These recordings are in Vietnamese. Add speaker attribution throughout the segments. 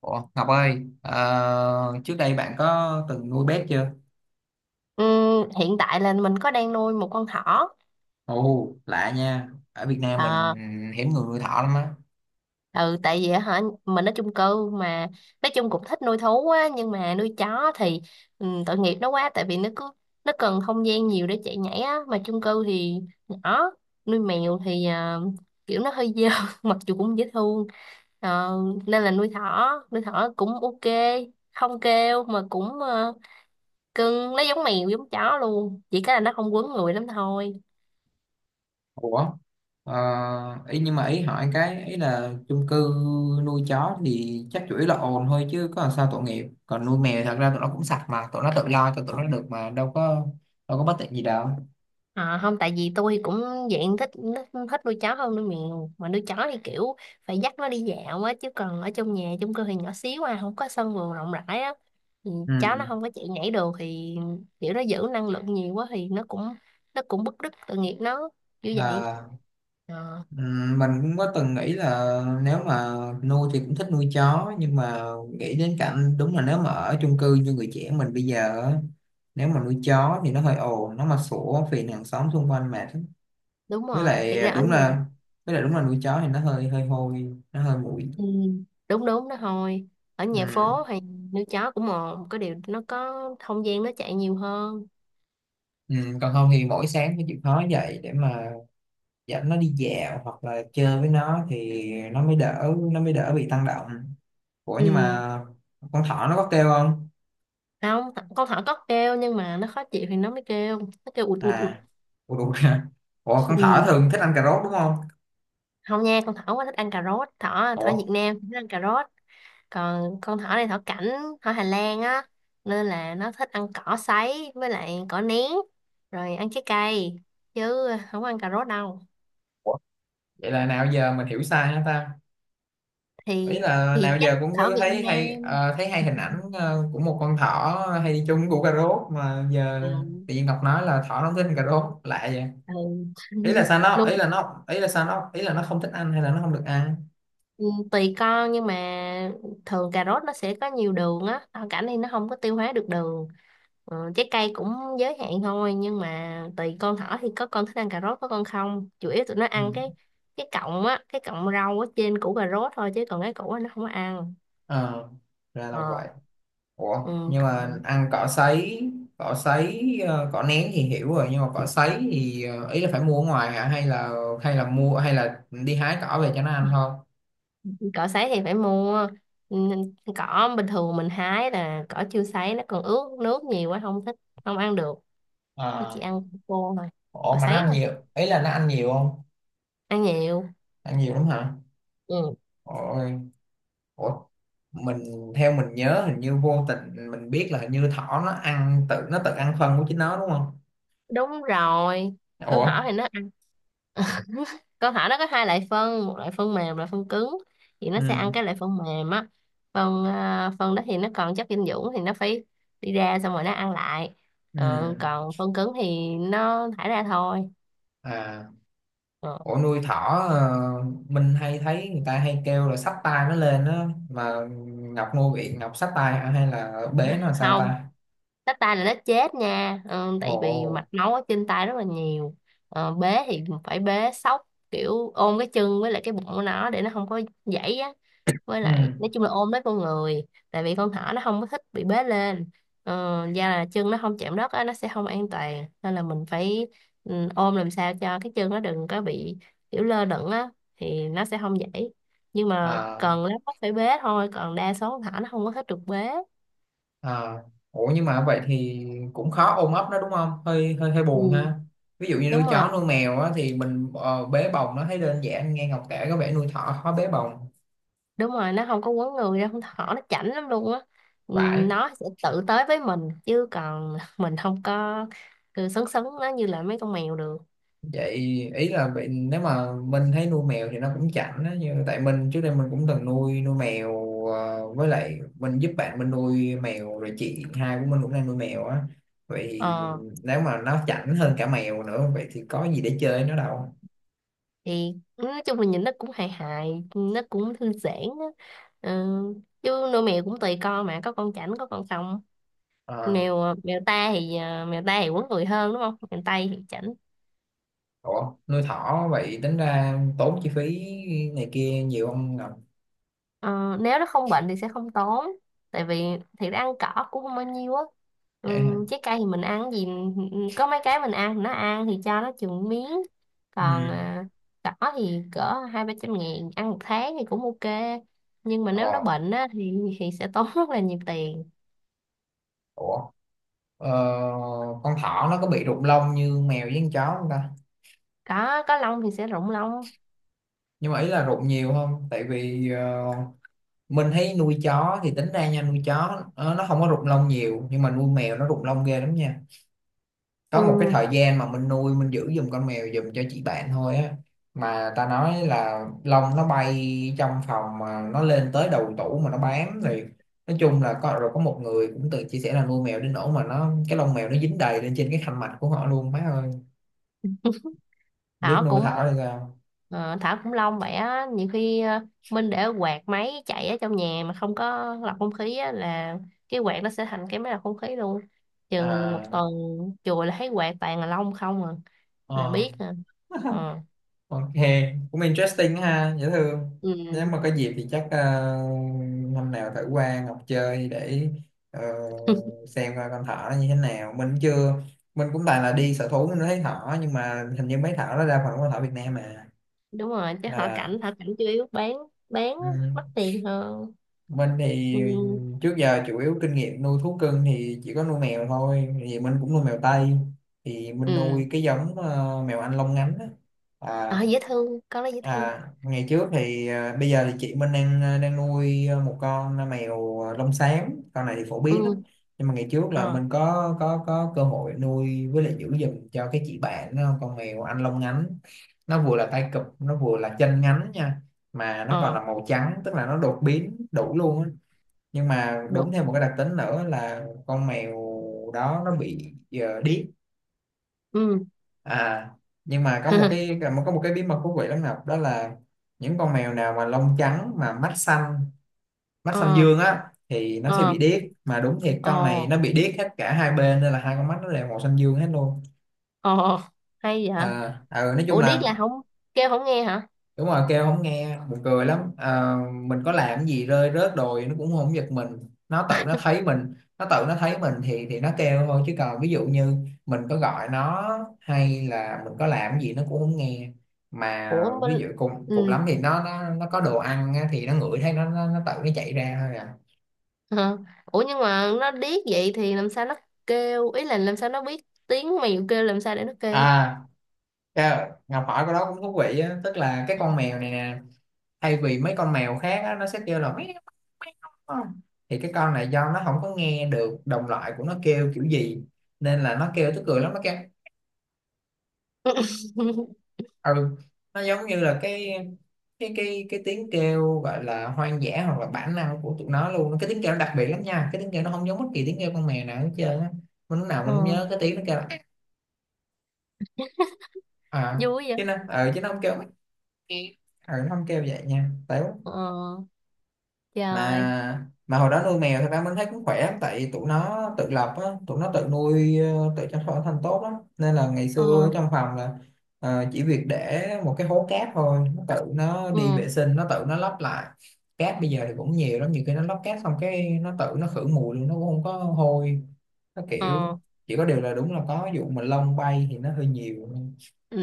Speaker 1: Ủa, Ngọc ơi, trước đây bạn có từng nuôi bét chưa?
Speaker 2: Hiện tại là mình có đang nuôi một con thỏ.
Speaker 1: Ồ, lạ nha. Ở Việt Nam mình
Speaker 2: Ờ,
Speaker 1: hiếm người nuôi thỏ lắm á.
Speaker 2: ừ Tại vì hả, mình ở chung cư mà, nói chung cũng thích nuôi thú á, nhưng mà nuôi chó thì tội nghiệp nó quá, tại vì nó cứ... nó cần không gian nhiều để chạy nhảy á, mà chung cư thì nhỏ. Nuôi mèo thì kiểu nó hơi dơ mặc dù cũng dễ thương. Ờ, Nên là nuôi thỏ. Nuôi thỏ cũng ok, không kêu mà cũng cưng nó giống mèo giống chó luôn, chỉ cái là nó không quấn người lắm thôi.
Speaker 1: Ủa, ờ, ý nhưng mà ý hỏi cái ý là chung cư nuôi chó thì chắc chủ yếu là ồn thôi chứ có làm sao tội nghiệp. Còn nuôi mèo thật ra tụi nó cũng sạch mà, tụi nó tự lo cho tụi nó được mà đâu có bất tiện gì đâu.
Speaker 2: À, không, tại vì tôi cũng dạng thích thích thích nuôi chó hơn nuôi mèo, mà nuôi chó thì kiểu phải dắt nó đi dạo á, chứ còn ở trong nhà chung cư thì nhỏ xíu à, không có sân vườn rộng rãi á, thì chó nó không có chạy nhảy được, thì kiểu nó giữ năng lượng nhiều quá thì nó cũng bứt rứt, tội nghiệp nó như vậy.
Speaker 1: Ừ.
Speaker 2: Ờ,
Speaker 1: Mình cũng có từng nghĩ là nếu mà nuôi thì cũng thích nuôi chó nhưng mà nghĩ đến cảnh đúng là nếu mà ở chung cư như người trẻ mình bây giờ á, nếu mà nuôi chó thì nó hơi ồn nó mà sủa phiền hàng xóm xung quanh mệt lắm.
Speaker 2: Đúng
Speaker 1: Với
Speaker 2: rồi,
Speaker 1: lại
Speaker 2: thiệt ra ở
Speaker 1: đúng
Speaker 2: nhà,
Speaker 1: là với lại đúng là nuôi chó thì nó hơi hơi hôi nó hơi bụi.
Speaker 2: ừ, đúng đúng đó thôi, ở nhà
Speaker 1: Ừm,
Speaker 2: phố hay nuôi chó cũng một có điều nó có không gian, nó chạy nhiều hơn.
Speaker 1: còn không thì mỗi sáng phải chịu khó dậy để mà dẫn nó đi dạo hoặc là chơi với nó thì nó mới đỡ nó mới đỡ bị tăng động. Ủa nhưng
Speaker 2: Ừ.
Speaker 1: mà con thỏ nó có kêu không?
Speaker 2: Không, con thỏ có kêu, nhưng mà nó khó chịu thì nó mới kêu, nó kêu ụt ụt ụt.
Speaker 1: À, ủa đúng rồi. Ủa con thỏ
Speaker 2: Ừ.
Speaker 1: thường thích ăn cà rốt đúng không?
Speaker 2: Không nha, con thỏ quá thích ăn cà rốt, thỏ thỏ
Speaker 1: Ủa.
Speaker 2: Việt Nam thích ăn cà rốt. Còn con thỏ này thỏ cảnh, thỏ Hà Lan á, nên là nó thích ăn cỏ sấy với lại cỏ nén, rồi ăn trái cây chứ không ăn cà rốt đâu.
Speaker 1: Ủa? Vậy là nào giờ mình hiểu sai hả ta? Ý
Speaker 2: thì
Speaker 1: là nào
Speaker 2: thì chắc
Speaker 1: giờ cũng
Speaker 2: thỏ
Speaker 1: cứ
Speaker 2: Việt Nam.
Speaker 1: thấy hay hình ảnh của một con thỏ hay đi chung củ cà rốt mà giờ
Speaker 2: Ừ.
Speaker 1: tự nhiên Ngọc nói là thỏ nó không thích ăn cà rốt lạ vậy.
Speaker 2: Ừ. Nuôi.
Speaker 1: Ý là nó không thích ăn hay là nó không được ăn?
Speaker 2: Ừ, tùy con, nhưng mà thường cà rốt nó sẽ có nhiều đường á, rau cảnh thì nó không có tiêu hóa được đường. Ừ, trái cây cũng giới hạn thôi, nhưng mà tùy con thỏ thì có con thích ăn cà rốt, có con không. Chủ yếu tụi nó
Speaker 1: Ừ.
Speaker 2: ăn cái cọng á, cái cọng rau ở trên củ cà rốt thôi, chứ còn cái củ á nó không có ăn.
Speaker 1: Ờ, ra là
Speaker 2: ờ
Speaker 1: vậy. Ủa,
Speaker 2: ừ,
Speaker 1: nhưng mà
Speaker 2: Còn
Speaker 1: ăn cỏ sấy, cỏ nén thì hiểu rồi, nhưng mà cỏ sấy thì ý là phải mua ở ngoài hả? Hay là mua hay là đi hái cỏ về cho nó ăn thôi?
Speaker 2: cỏ sấy thì phải mua. Ừ, cỏ bình thường mình hái là cỏ chưa sấy, nó còn ướt nước nhiều quá không thích, không ăn được, nó chỉ
Speaker 1: À,
Speaker 2: ăn khô thôi,
Speaker 1: ủa
Speaker 2: cỏ
Speaker 1: mà nó
Speaker 2: sấy
Speaker 1: ăn
Speaker 2: thôi.
Speaker 1: nhiều, ý là nó ăn nhiều không?
Speaker 2: Ăn nhiều.
Speaker 1: Ăn nhiều lắm hả?
Speaker 2: Ừ,
Speaker 1: Ôi, ủa, mình theo mình nhớ hình như vô tình mình biết là hình như thỏ nó ăn tự nó tự ăn phân của chính nó đúng không?
Speaker 2: đúng rồi, câu hỏi
Speaker 1: Ủa,
Speaker 2: thì nó câu hỏi nó có hai loại phân, một loại phân mềm, loại phân cứng, thì nó sẽ ăn
Speaker 1: ừ,
Speaker 2: cái loại phân mềm á. Phân đó thì nó còn chất dinh dưỡng thì nó phải đi ra xong rồi nó ăn lại.
Speaker 1: ừ,
Speaker 2: Còn phân cứng thì nó thải ra thôi.
Speaker 1: à.
Speaker 2: Ờ,
Speaker 1: Ủa nuôi thỏ, ờ, mình hay thấy người ta hay kêu là xách tay nó lên á mà Ngọc nuôi bị Ngọc xách tay hả? Hay là bế nó làm sao
Speaker 2: Không,
Speaker 1: ta?
Speaker 2: tách tay là nó chết nha. Ờ, Tại vì
Speaker 1: Ồ.
Speaker 2: mạch máu ở trên tay rất là nhiều. Bế thì phải bế sóc, kiểu ôm cái chân với lại cái bụng của nó để nó không có gãy á, với
Speaker 1: Ừ.
Speaker 2: lại nói chung là ôm lấy con người, tại vì con thỏ nó không có thích bị bế lên. Da là chân nó không chạm đất á, nó sẽ không an toàn, nên là mình phải, ừ, ôm làm sao cho cái chân nó đừng có bị kiểu lơ lửng á, thì nó sẽ không dễ. Nhưng mà
Speaker 1: À,
Speaker 2: cần lắm nó phải bế thôi, còn đa số con thỏ nó không có thích được bế.
Speaker 1: à. Ủa nhưng mà vậy thì cũng khó ôm ấp nó đúng không? Hơi hơi hơi buồn ha.
Speaker 2: Ừ,
Speaker 1: Ví dụ như nuôi
Speaker 2: đúng rồi
Speaker 1: chó nuôi mèo á thì mình bế bồng nó thấy đơn giản nghe Ngọc kể có vẻ nuôi thỏ khó bế bồng.
Speaker 2: đúng rồi nó không có quấn người đâu, con thỏ nó chảnh lắm luôn á. Ừ,
Speaker 1: Vãi.
Speaker 2: nó sẽ tự tới với mình, chứ còn mình không có cứ sấn sấn nó như là mấy con mèo được.
Speaker 1: Vậy ý là bị nếu mà Minh thấy nuôi mèo thì nó cũng chảnh á như tại mình trước đây mình cũng từng nuôi nuôi mèo với lại mình giúp bạn mình nuôi mèo rồi chị hai của mình cũng đang nuôi mèo á. Vậy thì
Speaker 2: Ờ
Speaker 1: nếu mà nó chảnh hơn cả mèo nữa vậy thì có gì để chơi nó đâu?
Speaker 2: thì nói chung là nhìn nó cũng hài hài, nó cũng thư giãn á. Ừ. Chứ nuôi mèo cũng tùy con, mà có con chảnh có con không.
Speaker 1: Ờ,
Speaker 2: Mèo mèo ta thì à, Mèo ta thì quấn người hơn đúng không, mèo tây thì chảnh.
Speaker 1: ủa nuôi thỏ vậy tính ra tốn chi phí này kia nhiều không Ngọc?
Speaker 2: Ờ, Nếu nó không bệnh thì sẽ không tốn, tại vì thiệt ra ăn cỏ cũng không bao nhiêu á. Ừ,
Speaker 1: Vậy hả?
Speaker 2: trái cây thì mình ăn cái gì có mấy cái mình ăn, nó ăn thì cho nó chừng miếng. còn
Speaker 1: Ừ.
Speaker 2: à, Cỏ thì cỡ hai ba trăm ngàn ăn một tháng thì cũng ok. Nhưng mà nếu nó
Speaker 1: Ờ.
Speaker 2: bệnh á, thì sẽ tốn rất là nhiều tiền.
Speaker 1: Ủa. ờ, con thỏ nó có bị rụng lông như mèo với con chó không ta?
Speaker 2: Có lông thì sẽ rụng lông.
Speaker 1: Nhưng mà ý là rụng nhiều không tại vì mình thấy nuôi chó thì tính ra nha nuôi chó nó không có rụng lông nhiều nhưng mà nuôi mèo nó rụng lông ghê lắm nha. Có một cái
Speaker 2: Ừ,
Speaker 1: thời gian mà mình nuôi mình giữ giùm con mèo giùm cho chị bạn thôi á mà ta nói là lông nó bay trong phòng mà nó lên tới đầu tủ mà nó bám thì nói chung là có rồi có một người cũng tự chia sẻ là nuôi mèo đến nỗi mà nó cái lông mèo nó dính đầy lên trên cái khăn mạch của họ luôn má ơi biết
Speaker 2: Thảo
Speaker 1: nuôi
Speaker 2: cũng
Speaker 1: thảo hay sao.
Speaker 2: ờ, Thảo cũng long vậy á, nhiều khi Minh để quạt máy chạy ở trong nhà mà không có lọc không khí á, là cái quạt nó sẽ thành cái máy lọc không khí luôn. Chừng một
Speaker 1: À.
Speaker 2: tuần chùi là thấy quạt toàn là lông không à, là
Speaker 1: Ờ.
Speaker 2: biết à. Ờ.
Speaker 1: Ok, cũng interesting ha, dễ thương. Nếu
Speaker 2: Ừ.
Speaker 1: mà có dịp thì chắc năm nào thử qua Ngọc chơi để ờ, xem coi con thỏ nó như thế nào. Mình chưa, mình cũng toàn là đi sở thú mình mới thấy thỏ nhưng mà hình như mấy thỏ nó đa phần là con thỏ Việt Nam mà.
Speaker 2: Đúng rồi, chứ họ
Speaker 1: À,
Speaker 2: cảnh họ cảnh chủ yếu bán,
Speaker 1: ừ
Speaker 2: á, mắc tiền hơn.
Speaker 1: mình
Speaker 2: Ừ.
Speaker 1: thì trước giờ chủ yếu kinh nghiệm nuôi thú cưng thì chỉ có nuôi mèo thôi thì mình cũng nuôi mèo Tây thì mình
Speaker 2: ừ
Speaker 1: nuôi cái giống mèo Anh lông ngắn á. À.
Speaker 2: ờ, dễ thương, con nó dễ thương.
Speaker 1: À, ngày trước thì bây giờ thì chị mình đang nuôi một con mèo lông xám con này thì phổ
Speaker 2: Ừ.
Speaker 1: biến lắm. Nhưng mà ngày trước là
Speaker 2: Ờ.
Speaker 1: mình có cơ hội nuôi với lại giữ giùm cho cái chị bạn đó, con mèo Anh lông ngắn. Nó vừa là tai cụp nó vừa là chân ngắn nha. Mà nó còn
Speaker 2: Ờ.
Speaker 1: là màu trắng tức là nó đột biến đủ luôn á. Nhưng mà đúng
Speaker 2: Được.
Speaker 1: thêm một cái đặc tính nữa là con mèo đó nó bị điếc.
Speaker 2: Ừ.
Speaker 1: À. Nhưng mà có một cái có một cái bí mật thú vị lắm Ngọc đó là những con mèo nào mà lông trắng mà mắt xanh mắt xanh
Speaker 2: Ờ.
Speaker 1: dương á thì nó sẽ bị
Speaker 2: Ờ.
Speaker 1: điếc mà đúng thiệt con này
Speaker 2: Ờ.
Speaker 1: nó bị điếc hết cả hai bên nên là hai con mắt nó đều màu xanh dương hết luôn.
Speaker 2: Ờ. Hay vậy.
Speaker 1: À. Ừ, nói chung
Speaker 2: Ủa, điếc
Speaker 1: là.
Speaker 2: là không kêu, không nghe hả?
Speaker 1: Đúng rồi kêu không nghe buồn cười lắm. Ờ, mình có làm cái gì rơi rớt đồi nó cũng không giật mình. Nó tự nó thấy mình thì nó kêu thôi chứ còn ví dụ như mình có gọi nó hay là mình có làm cái gì nó cũng không nghe. Mà
Speaker 2: Ủa bên,
Speaker 1: ví dụ cùng cùng
Speaker 2: ừ,
Speaker 1: lắm thì nó có đồ ăn á, thì nó ngửi thấy nó tự nó chạy ra thôi à.
Speaker 2: hả? Ủa, nhưng mà nó điếc vậy thì làm sao nó kêu, ý là làm sao nó biết tiếng mèo kêu, làm sao để nó kêu?
Speaker 1: À. Ngọc hỏi cái đó cũng thú vị á tức là cái con mèo này nè thay vì mấy con mèo khác á, nó sẽ kêu là meo, meo, không? Thì cái con này do nó không có nghe được đồng loại của nó kêu kiểu gì nên là nó kêu tức cười lắm nó kêu. Ừ. Nó giống như là cái tiếng kêu gọi là hoang dã hoặc là bản năng của tụi nó luôn cái tiếng kêu nó đặc biệt lắm nha cái tiếng kêu nó không giống bất kỳ tiếng kêu con mèo nào hết trơn á. Mình lúc nào
Speaker 2: Ờ,
Speaker 1: mình cũng nhớ cái tiếng nó kêu là. À.
Speaker 2: vui vậy.
Speaker 1: Chứ nó không kêu mấy. Ừ, nó không kêu vậy nha tại.
Speaker 2: Ờ trời.
Speaker 1: Mà hồi đó nuôi mèo thì ba mình thấy cũng khỏe lắm tại tụi nó tự lập á tụi nó tự chăm sóc bản thân tốt lắm nên là ngày
Speaker 2: Ờ.
Speaker 1: xưa trong phòng là chỉ việc để một cái hố cát thôi nó tự nó đi vệ
Speaker 2: Ừ.
Speaker 1: sinh nó tự nó lấp lại. Cát bây giờ thì cũng nhiều lắm nhiều khi nó lấp cát xong cái nó tự nó khử mùi luôn nó cũng không có hôi. Nó kiểu
Speaker 2: Ờ.
Speaker 1: chỉ có điều là đúng là có vụ mà lông bay thì nó hơi nhiều.
Speaker 2: Ừ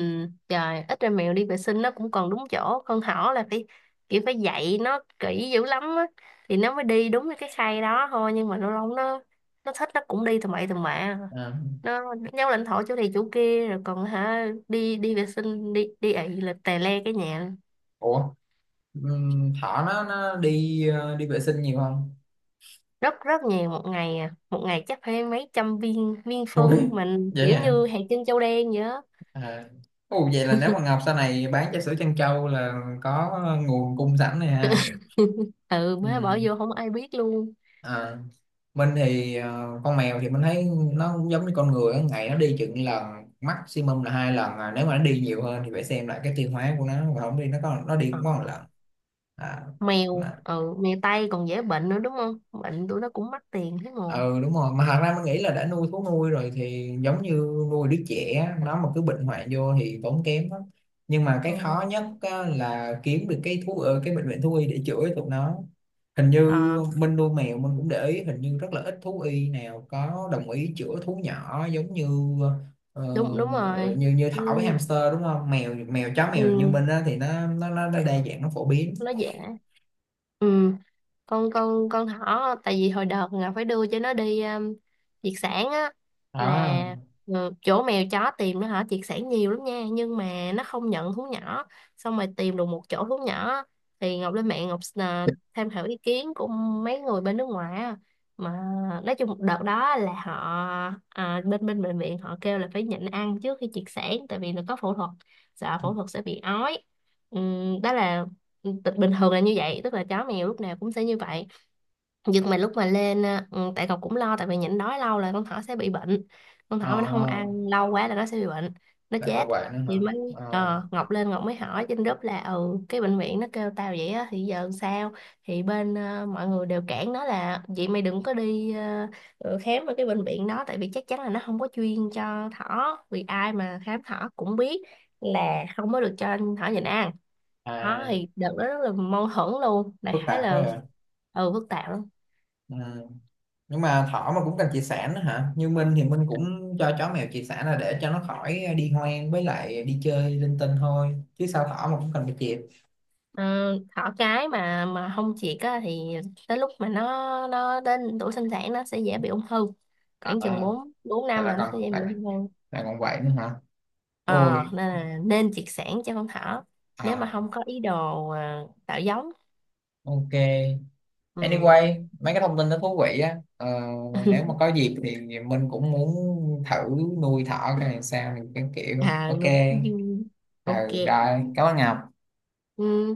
Speaker 2: trời, ít ra mèo đi vệ sinh nó cũng còn đúng chỗ, con thỏ là phải, kiểu phải dạy nó kỹ dữ lắm á, thì nó mới đi đúng cái khay đó thôi. Nhưng mà lâu lâu nó... nó thích nó cũng đi tầm bậy tầm bạ,
Speaker 1: À.
Speaker 2: nó nhau lãnh thổ chỗ này chỗ kia rồi, còn hả, đi đi vệ sinh, đi đi ị là tè le cái nhà.
Speaker 1: Ủa, thỏ nó đi vệ sinh nhiều không?
Speaker 2: Rất rất nhiều. Một ngày à, một ngày chắc phải mấy trăm viên,
Speaker 1: Ui.
Speaker 2: phân mình
Speaker 1: Vậy
Speaker 2: kiểu
Speaker 1: hả.
Speaker 2: như hạt trên châu đen vậy á.
Speaker 1: À. Ồ, vậy là nếu mà Ngọc sau này bán trà sữa Trân Châu là có nguồn cung sẵn này ha.
Speaker 2: Ừ,
Speaker 1: Ừ.
Speaker 2: má bỏ vô không ai biết luôn.
Speaker 1: À. Mình thì con mèo thì mình thấy nó cũng giống như con người á, ngày nó đi chừng lần maximum là hai lần à. Nếu mà nó đi nhiều hơn thì phải xem lại cái tiêu hóa của nó và không đi nó có nó đi
Speaker 2: Ờ,
Speaker 1: cũng có một lần à. Mà
Speaker 2: Mèo Tây còn dễ bệnh nữa đúng không, bệnh tụi nó cũng mắc tiền thế mà.
Speaker 1: ừ đúng rồi mà thật ra mình nghĩ là đã nuôi thú nuôi rồi thì giống như nuôi đứa trẻ á, nó mà cứ bệnh hoạn vô thì tốn kém lắm. Nhưng mà cái khó
Speaker 2: Ừ.
Speaker 1: nhất á, là kiếm được cái bệnh viện thú y để chữa cho tụi nó. Hình như
Speaker 2: Ờ,
Speaker 1: mình nuôi mèo mình cũng để ý hình như rất là ít thú y nào có đồng ý chữa thú nhỏ giống như ờ,
Speaker 2: đúng đúng rồi.
Speaker 1: như như
Speaker 2: Ừ.
Speaker 1: thỏ với hamster đúng không mèo mèo chó mèo như
Speaker 2: Ừ,
Speaker 1: mình á thì nó đa dạng nó phổ biến.
Speaker 2: nó dễ. Ừ. Con thỏ, tại vì hồi đợt Ngọc phải đưa cho nó đi triệt sản á.
Speaker 1: À.
Speaker 2: Là, ừ, chỗ mèo chó tìm nó hả triệt sản nhiều lắm nha, nhưng mà nó không nhận thú nhỏ. Xong rồi tìm được một chỗ thú nhỏ, thì Ngọc lên mạng, Ngọc tham khảo ý kiến của mấy người bên nước ngoài á. Mà nói chung đợt đó là họ, à, bên bên bệnh viện họ kêu là phải nhịn ăn trước khi triệt sản, tại vì nó có phẫu thuật, sợ phẫu thuật sẽ bị ói. Ừ, đó là, bình thường là như vậy, tức là chó mèo lúc nào cũng sẽ như vậy. Nhưng mà lúc mà lên à, ừ, tại cậu cũng lo, tại vì nhịn đói lâu là con thỏ sẽ bị bệnh, con
Speaker 1: Ờ,
Speaker 2: thỏ mà nó không ăn lâu quá là nó sẽ bị bệnh, nó
Speaker 1: lại còn
Speaker 2: chết.
Speaker 1: vậy nữa hả?
Speaker 2: Thì mới,
Speaker 1: Ờ.
Speaker 2: Ngọc lên, Ngọc mới hỏi trên group là, ừ, cái bệnh viện nó kêu tao vậy á, thì giờ sao? Thì mọi người đều cản nó là, vậy mày đừng có đi khám ở cái bệnh viện đó, tại vì chắc chắn là nó không có chuyên cho thỏ, vì ai mà khám thỏ cũng biết là không có được cho thỏ nhịn ăn.
Speaker 1: À,
Speaker 2: Thôi, đợt đó rất là mâu thuẫn luôn. Đại
Speaker 1: phức
Speaker 2: khái
Speaker 1: tạp quá
Speaker 2: là,
Speaker 1: à.
Speaker 2: ừ, phức tạp lắm.
Speaker 1: Ừ. Nhưng mà thỏ mà cũng cần chia sẻ nữa hả như Minh thì Minh cũng cho chó mèo chia sẻ là để cho nó khỏi đi hoang với lại đi chơi linh tinh thôi chứ sao thỏ mà cũng cần phải chịp.
Speaker 2: Ờ, Thỏ cái mà không triệt á thì tới lúc mà nó đến tuổi sinh sản, nó sẽ dễ bị ung thư.
Speaker 1: À
Speaker 2: Khoảng chừng 4 4
Speaker 1: tại
Speaker 2: năm
Speaker 1: là
Speaker 2: là nó
Speaker 1: còn
Speaker 2: sẽ dễ bị
Speaker 1: lại
Speaker 2: ung thư.
Speaker 1: lại còn vậy nữa hả?
Speaker 2: Ờ
Speaker 1: Ôi.
Speaker 2: nên là nên triệt sản cho con thỏ nếu mà
Speaker 1: À.
Speaker 2: không có ý đồ tạo giống.
Speaker 1: Ok
Speaker 2: Ừ.
Speaker 1: anyway mấy cái thông tin đó thú vị á nếu mà có dịp thì Minh cũng muốn thử nuôi thỏ cái này sao cái kiểu
Speaker 2: À
Speaker 1: ok.
Speaker 2: luôn.
Speaker 1: Ừ
Speaker 2: Ok.
Speaker 1: rồi cảm ơn Ngọc.
Speaker 2: Ừ.